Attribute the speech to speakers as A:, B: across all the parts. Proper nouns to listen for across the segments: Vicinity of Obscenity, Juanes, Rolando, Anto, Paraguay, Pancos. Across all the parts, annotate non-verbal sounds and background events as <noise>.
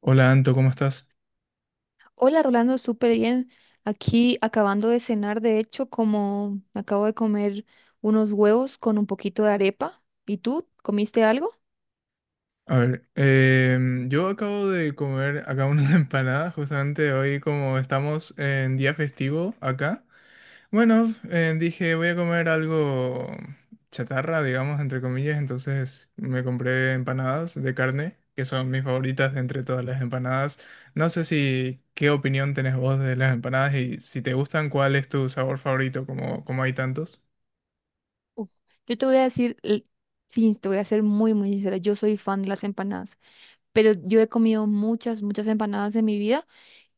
A: Hola Anto, ¿cómo estás?
B: Hola Rolando, súper bien. Aquí acabando de cenar, de hecho, como me acabo de comer unos huevos con un poquito de arepa. ¿Y tú comiste algo?
A: A ver, yo acabo de comer acá una <laughs> empanada, justamente hoy como estamos en día festivo acá. Bueno, dije voy a comer algo chatarra, digamos, entre comillas. Entonces me compré empanadas de carne, que son mis favoritas de entre todas las empanadas. No sé, si ¿qué opinión tenés vos de las empanadas y si te gustan, cuál es tu sabor favorito, como, como hay tantos?
B: Uf, yo te voy a decir, sí, te voy a ser muy, muy sincera, yo soy fan de las empanadas, pero yo he comido muchas, muchas empanadas en mi vida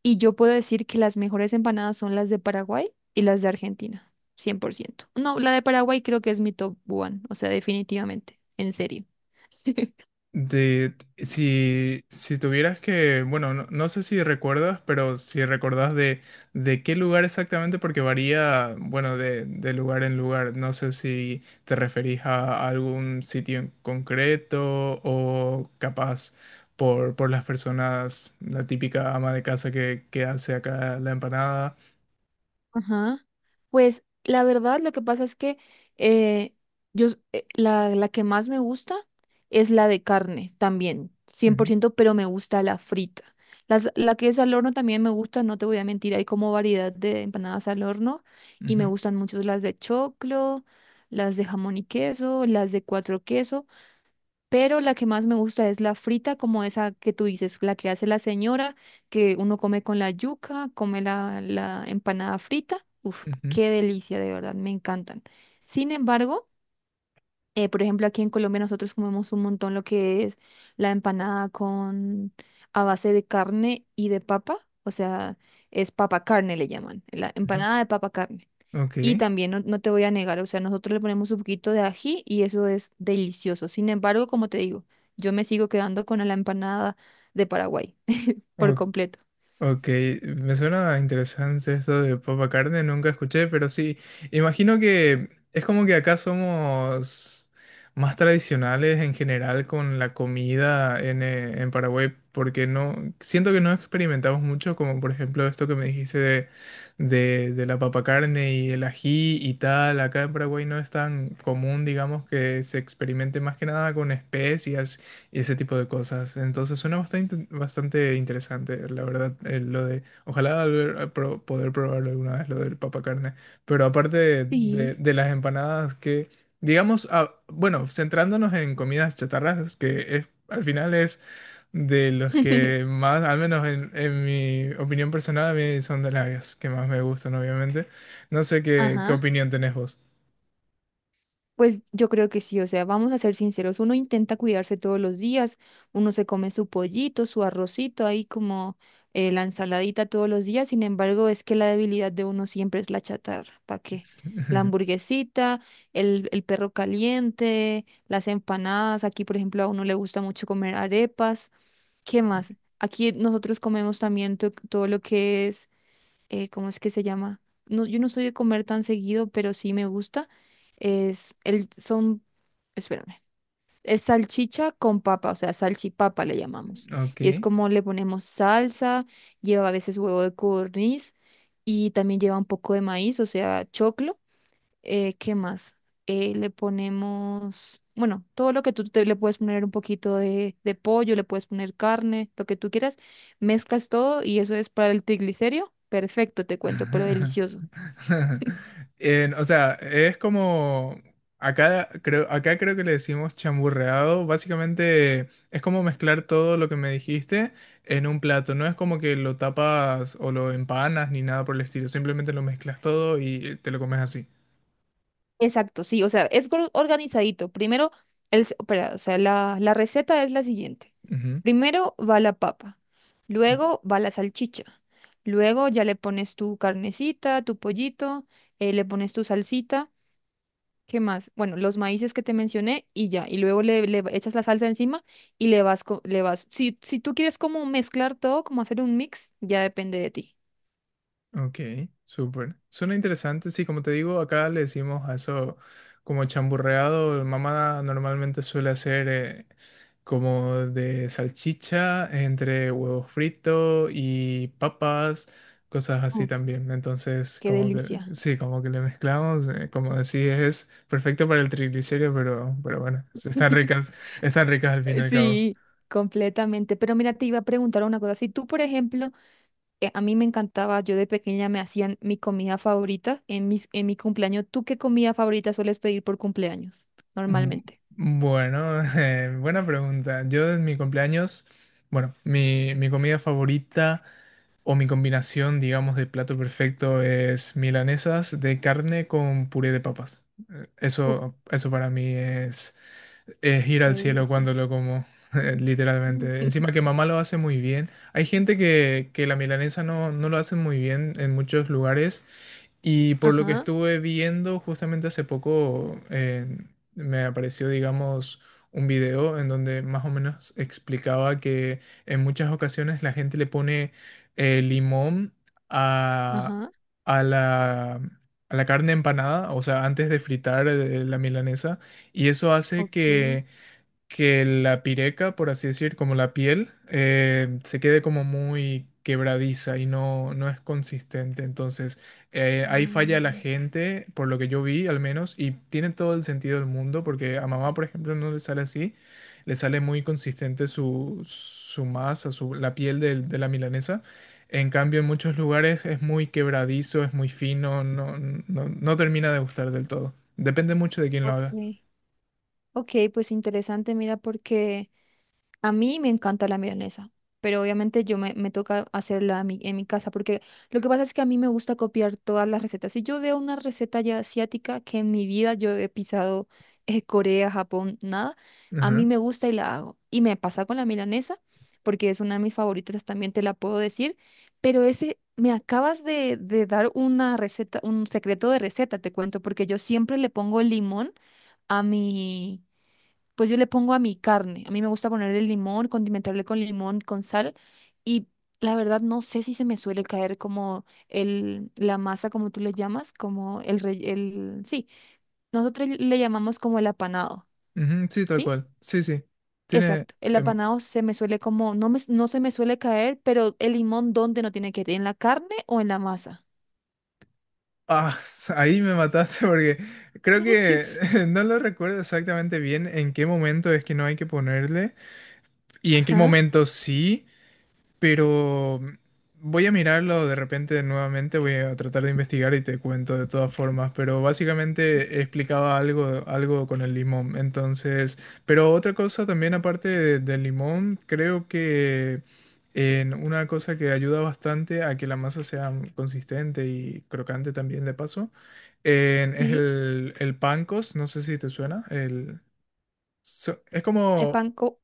B: y yo puedo decir que las mejores empanadas son las de Paraguay y las de Argentina, 100%. No, la de Paraguay creo que es mi top one, o sea, definitivamente, en serio. <laughs>
A: De, si tuvieras que, bueno, no, no sé si recuerdas, pero si recordás de qué lugar exactamente, porque varía, bueno, de lugar en lugar. No sé si te referís a algún sitio en concreto o capaz por las personas, la típica ama de casa que hace acá la empanada.
B: Ajá. Pues la verdad, lo que pasa es que eh, la que más me gusta es la de carne también, cien por
A: Ujú,
B: ciento, pero me gusta la frita. La que es al horno también me gusta, no te voy a mentir, hay como variedad de empanadas al horno y me
A: ujú.
B: gustan mucho las de choclo, las de jamón y queso, las de cuatro queso. Pero la que más me gusta es la frita, como esa que tú dices, la que hace la señora, que uno come con la yuca, come la empanada frita. Uf,
A: Ujú,
B: qué delicia, de verdad, me encantan. Sin embargo, por ejemplo, aquí en Colombia nosotros comemos un montón lo que es la empanada con a base de carne y de papa, o sea, es papa carne le llaman, la
A: ujú.
B: empanada de papa carne.
A: Ok,
B: Y también no, no te voy a negar, o sea, nosotros le ponemos un poquito de ají y eso es delicioso. Sin embargo, como te digo, yo me sigo quedando con la empanada de Paraguay por
A: ok.
B: completo.
A: Ok, me suena interesante esto de papa carne, nunca escuché, pero sí, imagino que es como que acá somos más tradicionales en general con la comida en Paraguay, porque no, siento que no experimentamos mucho, como por ejemplo esto que me dijiste de la papa carne y el ají y tal. Acá en Paraguay no es tan común, digamos, que se experimente más que nada con especias y ese tipo de cosas. Entonces suena bastante, bastante interesante, la verdad, lo de, poder probarlo alguna vez, lo del papacarne. Pero aparte de,
B: Sí.
A: de las empanadas que, digamos, ah, bueno, centrándonos en comidas chatarras, que es, al final es de los que
B: <laughs>
A: más, al menos en mi opinión personal, a mí son de las que más me gustan, obviamente. No sé qué, qué
B: Ajá.
A: opinión tenés vos.
B: Pues yo creo que sí, o sea, vamos a ser sinceros, uno intenta cuidarse todos los días, uno se come su pollito, su arrocito, ahí como la ensaladita todos los días, sin embargo, es que la debilidad de uno siempre es la chatarra, ¿para qué? La
A: <laughs>
B: hamburguesita, el perro caliente, las empanadas, aquí por ejemplo a uno le gusta mucho comer arepas, ¿qué más? Aquí nosotros comemos también todo lo que es ¿cómo es que se llama? No, yo no soy de comer tan seguido, pero sí me gusta. Es el, son, espérame, es salchicha con papa, o sea, salchipapa le llamamos.
A: Ok.
B: Y es como le ponemos salsa, lleva a veces huevo de codorniz y también lleva un poco de maíz, o sea, choclo. ¿Qué más? Le ponemos, bueno, todo lo que tú te, le puedes poner un poquito de pollo, le puedes poner carne, lo que tú quieras, mezclas todo y eso es para el triglicérido. Perfecto, te cuento, pero
A: <laughs>
B: delicioso.
A: <laughs> O sea, es como acá creo que le decimos chamburreado. Básicamente es como mezclar todo lo que me dijiste en un plato. No es como que lo tapas o lo empanas ni nada por el estilo. Simplemente lo mezclas todo y te lo comes así.
B: Exacto, sí, o sea, es organizadito. Primero, espera, o sea, la receta es la siguiente.
A: Ujú.
B: Primero va la papa, luego va la salchicha, luego ya le pones tu carnecita, tu pollito, le pones tu salsita. ¿Qué más? Bueno, los maíces que te mencioné y ya. Y luego le echas la salsa encima y le vas. Si, si tú quieres como mezclar todo, como hacer un mix, ya depende de ti.
A: Ok, súper. Suena interesante. Sí, como te digo, acá le decimos a eso como chamburreado. Mamá normalmente suele hacer como de salchicha entre huevos fritos y papas, cosas
B: Uh,
A: así también. Entonces,
B: qué
A: como que
B: delicia.
A: sí, como que le mezclamos. Como decís, es perfecto para el triglicérido, pero bueno,
B: <laughs>
A: están ricas al fin y al cabo.
B: Sí, completamente. Pero mira, te iba a preguntar una cosa. Si tú, por ejemplo, a mí me encantaba, yo de pequeña me hacían mi comida favorita en en mi cumpleaños. ¿Tú qué comida favorita sueles pedir por cumpleaños
A: Mm,
B: normalmente?
A: Bueno, <laughs> buena pregunta. Yo en mi cumpleaños, bueno, mi comida favorita o mi combinación, digamos, de plato perfecto es milanesas de carne con puré de papas.
B: Uh,
A: Eso para mí es ir
B: qué
A: al cielo
B: delicia.
A: cuando lo como, <laughs> literalmente. Encima
B: <laughs>
A: que mamá lo hace muy bien. Hay gente que la milanesa no, no lo hace muy bien en muchos lugares. Y por lo que
B: Ajá,
A: estuve viendo justamente hace poco, me apareció, digamos, un video en donde más o menos explicaba que en muchas ocasiones la gente le pone limón a,
B: ajá.
A: a la, a la carne empanada, o sea, antes de fritar la milanesa, y eso hace
B: Ok.
A: que la pireca, por así decir, como la piel, se quede como muy quebradiza y no, no es consistente. Entonces, ahí falla la gente, por lo que yo vi al menos, y tiene todo el sentido del mundo, porque a mamá, por ejemplo, no le sale así, le sale muy consistente su, su masa, su, la piel de la milanesa. En cambio, en muchos lugares es muy quebradizo, es muy fino, no, no, no termina de gustar del todo. Depende mucho de quién lo
B: Ok,
A: haga.
B: ok, pues interesante, mira, porque... A mí me encanta la milanesa, pero obviamente yo me toca hacerla a mí- en mi casa, porque lo que pasa es que a mí me gusta copiar todas las recetas. Si yo veo una receta ya asiática que en mi vida yo he pisado Corea, Japón, nada, a mí me gusta y la hago. Y me pasa con la milanesa, porque es una de mis favoritas, también te la puedo decir, pero ese, me acabas de dar una receta, un secreto de receta, te cuento, porque yo siempre le pongo limón a mi, pues yo le pongo a mi carne. A mí me gusta ponerle limón, condimentarle con limón, con sal. Y la verdad no sé si se me suele caer como el, la masa, como tú le llamas, como sí, nosotros le llamamos como el apanado,
A: Ujú, sí, tal
B: ¿sí?
A: cual. Sí, sí. Tiene.
B: Exacto, el apanado se me suele como, no se me suele caer, pero el limón, ¿dónde no tiene que ir? ¿En la carne o en la masa?
A: Ah, <laughs> ahí me mataste porque creo que
B: <laughs>
A: <laughs> no lo recuerdo exactamente bien en qué momento es que no hay que ponerle y en qué
B: Ajá,
A: momento sí. Pero voy a mirarlo de repente nuevamente, voy a tratar de investigar y te cuento de todas formas, pero básicamente
B: ok.
A: explicaba algo, algo con el limón. Entonces, pero otra cosa también aparte del limón, creo que en una cosa que ayuda bastante a que la masa sea consistente y crocante también de paso, es
B: Sí,
A: el pancos, no sé si te suena, el, es
B: el
A: como...
B: panco,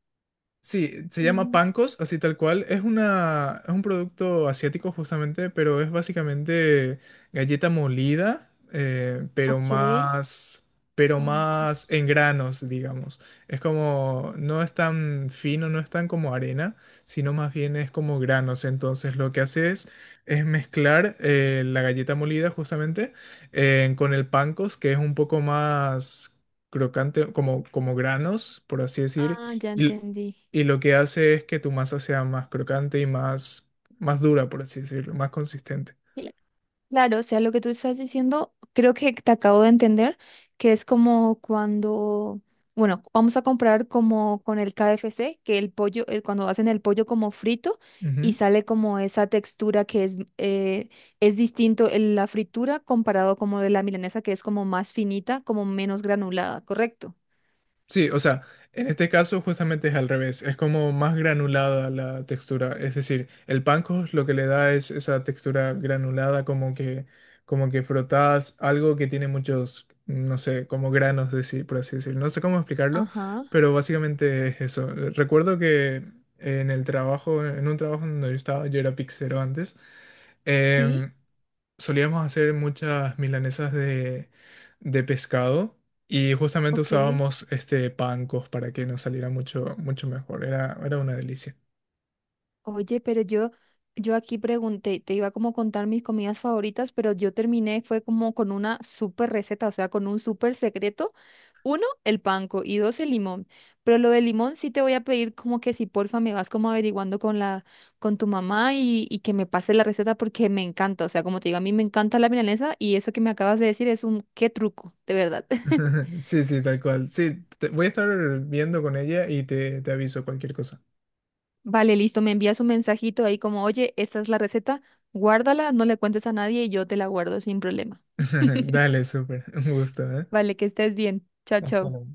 A: Sí, se llama
B: mm,
A: Pancos, así tal cual. Es una, es un producto asiático justamente, pero es básicamente galleta molida,
B: ok,
A: pero más
B: pancos.
A: en granos, digamos. Es como, no es tan fino, no es tan como arena, sino más bien es como granos. Entonces lo que hace es mezclar la galleta molida justamente con el Pancos, que es un poco más crocante, como, como granos, por así decir.
B: Ah, ya
A: y-
B: entendí.
A: y lo que hace es que tu masa sea más crocante y más, más dura, por así decirlo, más consistente.
B: <laughs> Claro, o sea, lo que tú estás diciendo, creo que te acabo de entender, que es como cuando, bueno, vamos a comprar como con el KFC, que el pollo, cuando hacen el pollo como frito y
A: Ujú.
B: sale como esa textura que es distinto en la fritura comparado como de la milanesa, que es como más finita, como menos granulada, ¿correcto?
A: Sí, o sea, en este caso justamente es al revés, es como más granulada la textura, es decir, el panko lo que le da es esa textura granulada, como que frotas algo que tiene muchos, no sé, como granos de sí, por así decir. No sé cómo explicarlo,
B: Ajá,
A: pero básicamente es eso. Recuerdo que en el trabajo, en un trabajo donde yo estaba, yo era pixero antes,
B: sí,
A: em, solíamos hacer muchas milanesas de pescado y justamente
B: ok.
A: usábamos este pancos para que nos saliera mucho, mucho mejor. Era, era una delicia.
B: Oye, pero yo aquí pregunté, te iba como a contar mis comidas favoritas, pero yo terminé, fue como con una súper receta, o sea, con un súper secreto. Uno, el panko y dos, el limón. Pero lo del limón sí te voy a pedir como que si porfa me vas como averiguando con la, con tu mamá y que me pase la receta porque me encanta. O sea, como te digo, a mí me encanta la milanesa y eso que me acabas de decir es un qué truco, de verdad.
A: <laughs>
B: <laughs>
A: Sí, sí, tal cual. Sí, voy a estar viendo con ella y te aviso cualquier cosa.
B: Vale, listo, me envías un mensajito ahí como, oye, esta es la receta, guárdala, no le cuentes a nadie y yo te la guardo sin problema.
A: <laughs> Dale, súper. Un gusto, ¿eh?
B: Vale, que estés bien. Chao,
A: Hasta
B: chao.
A: luego.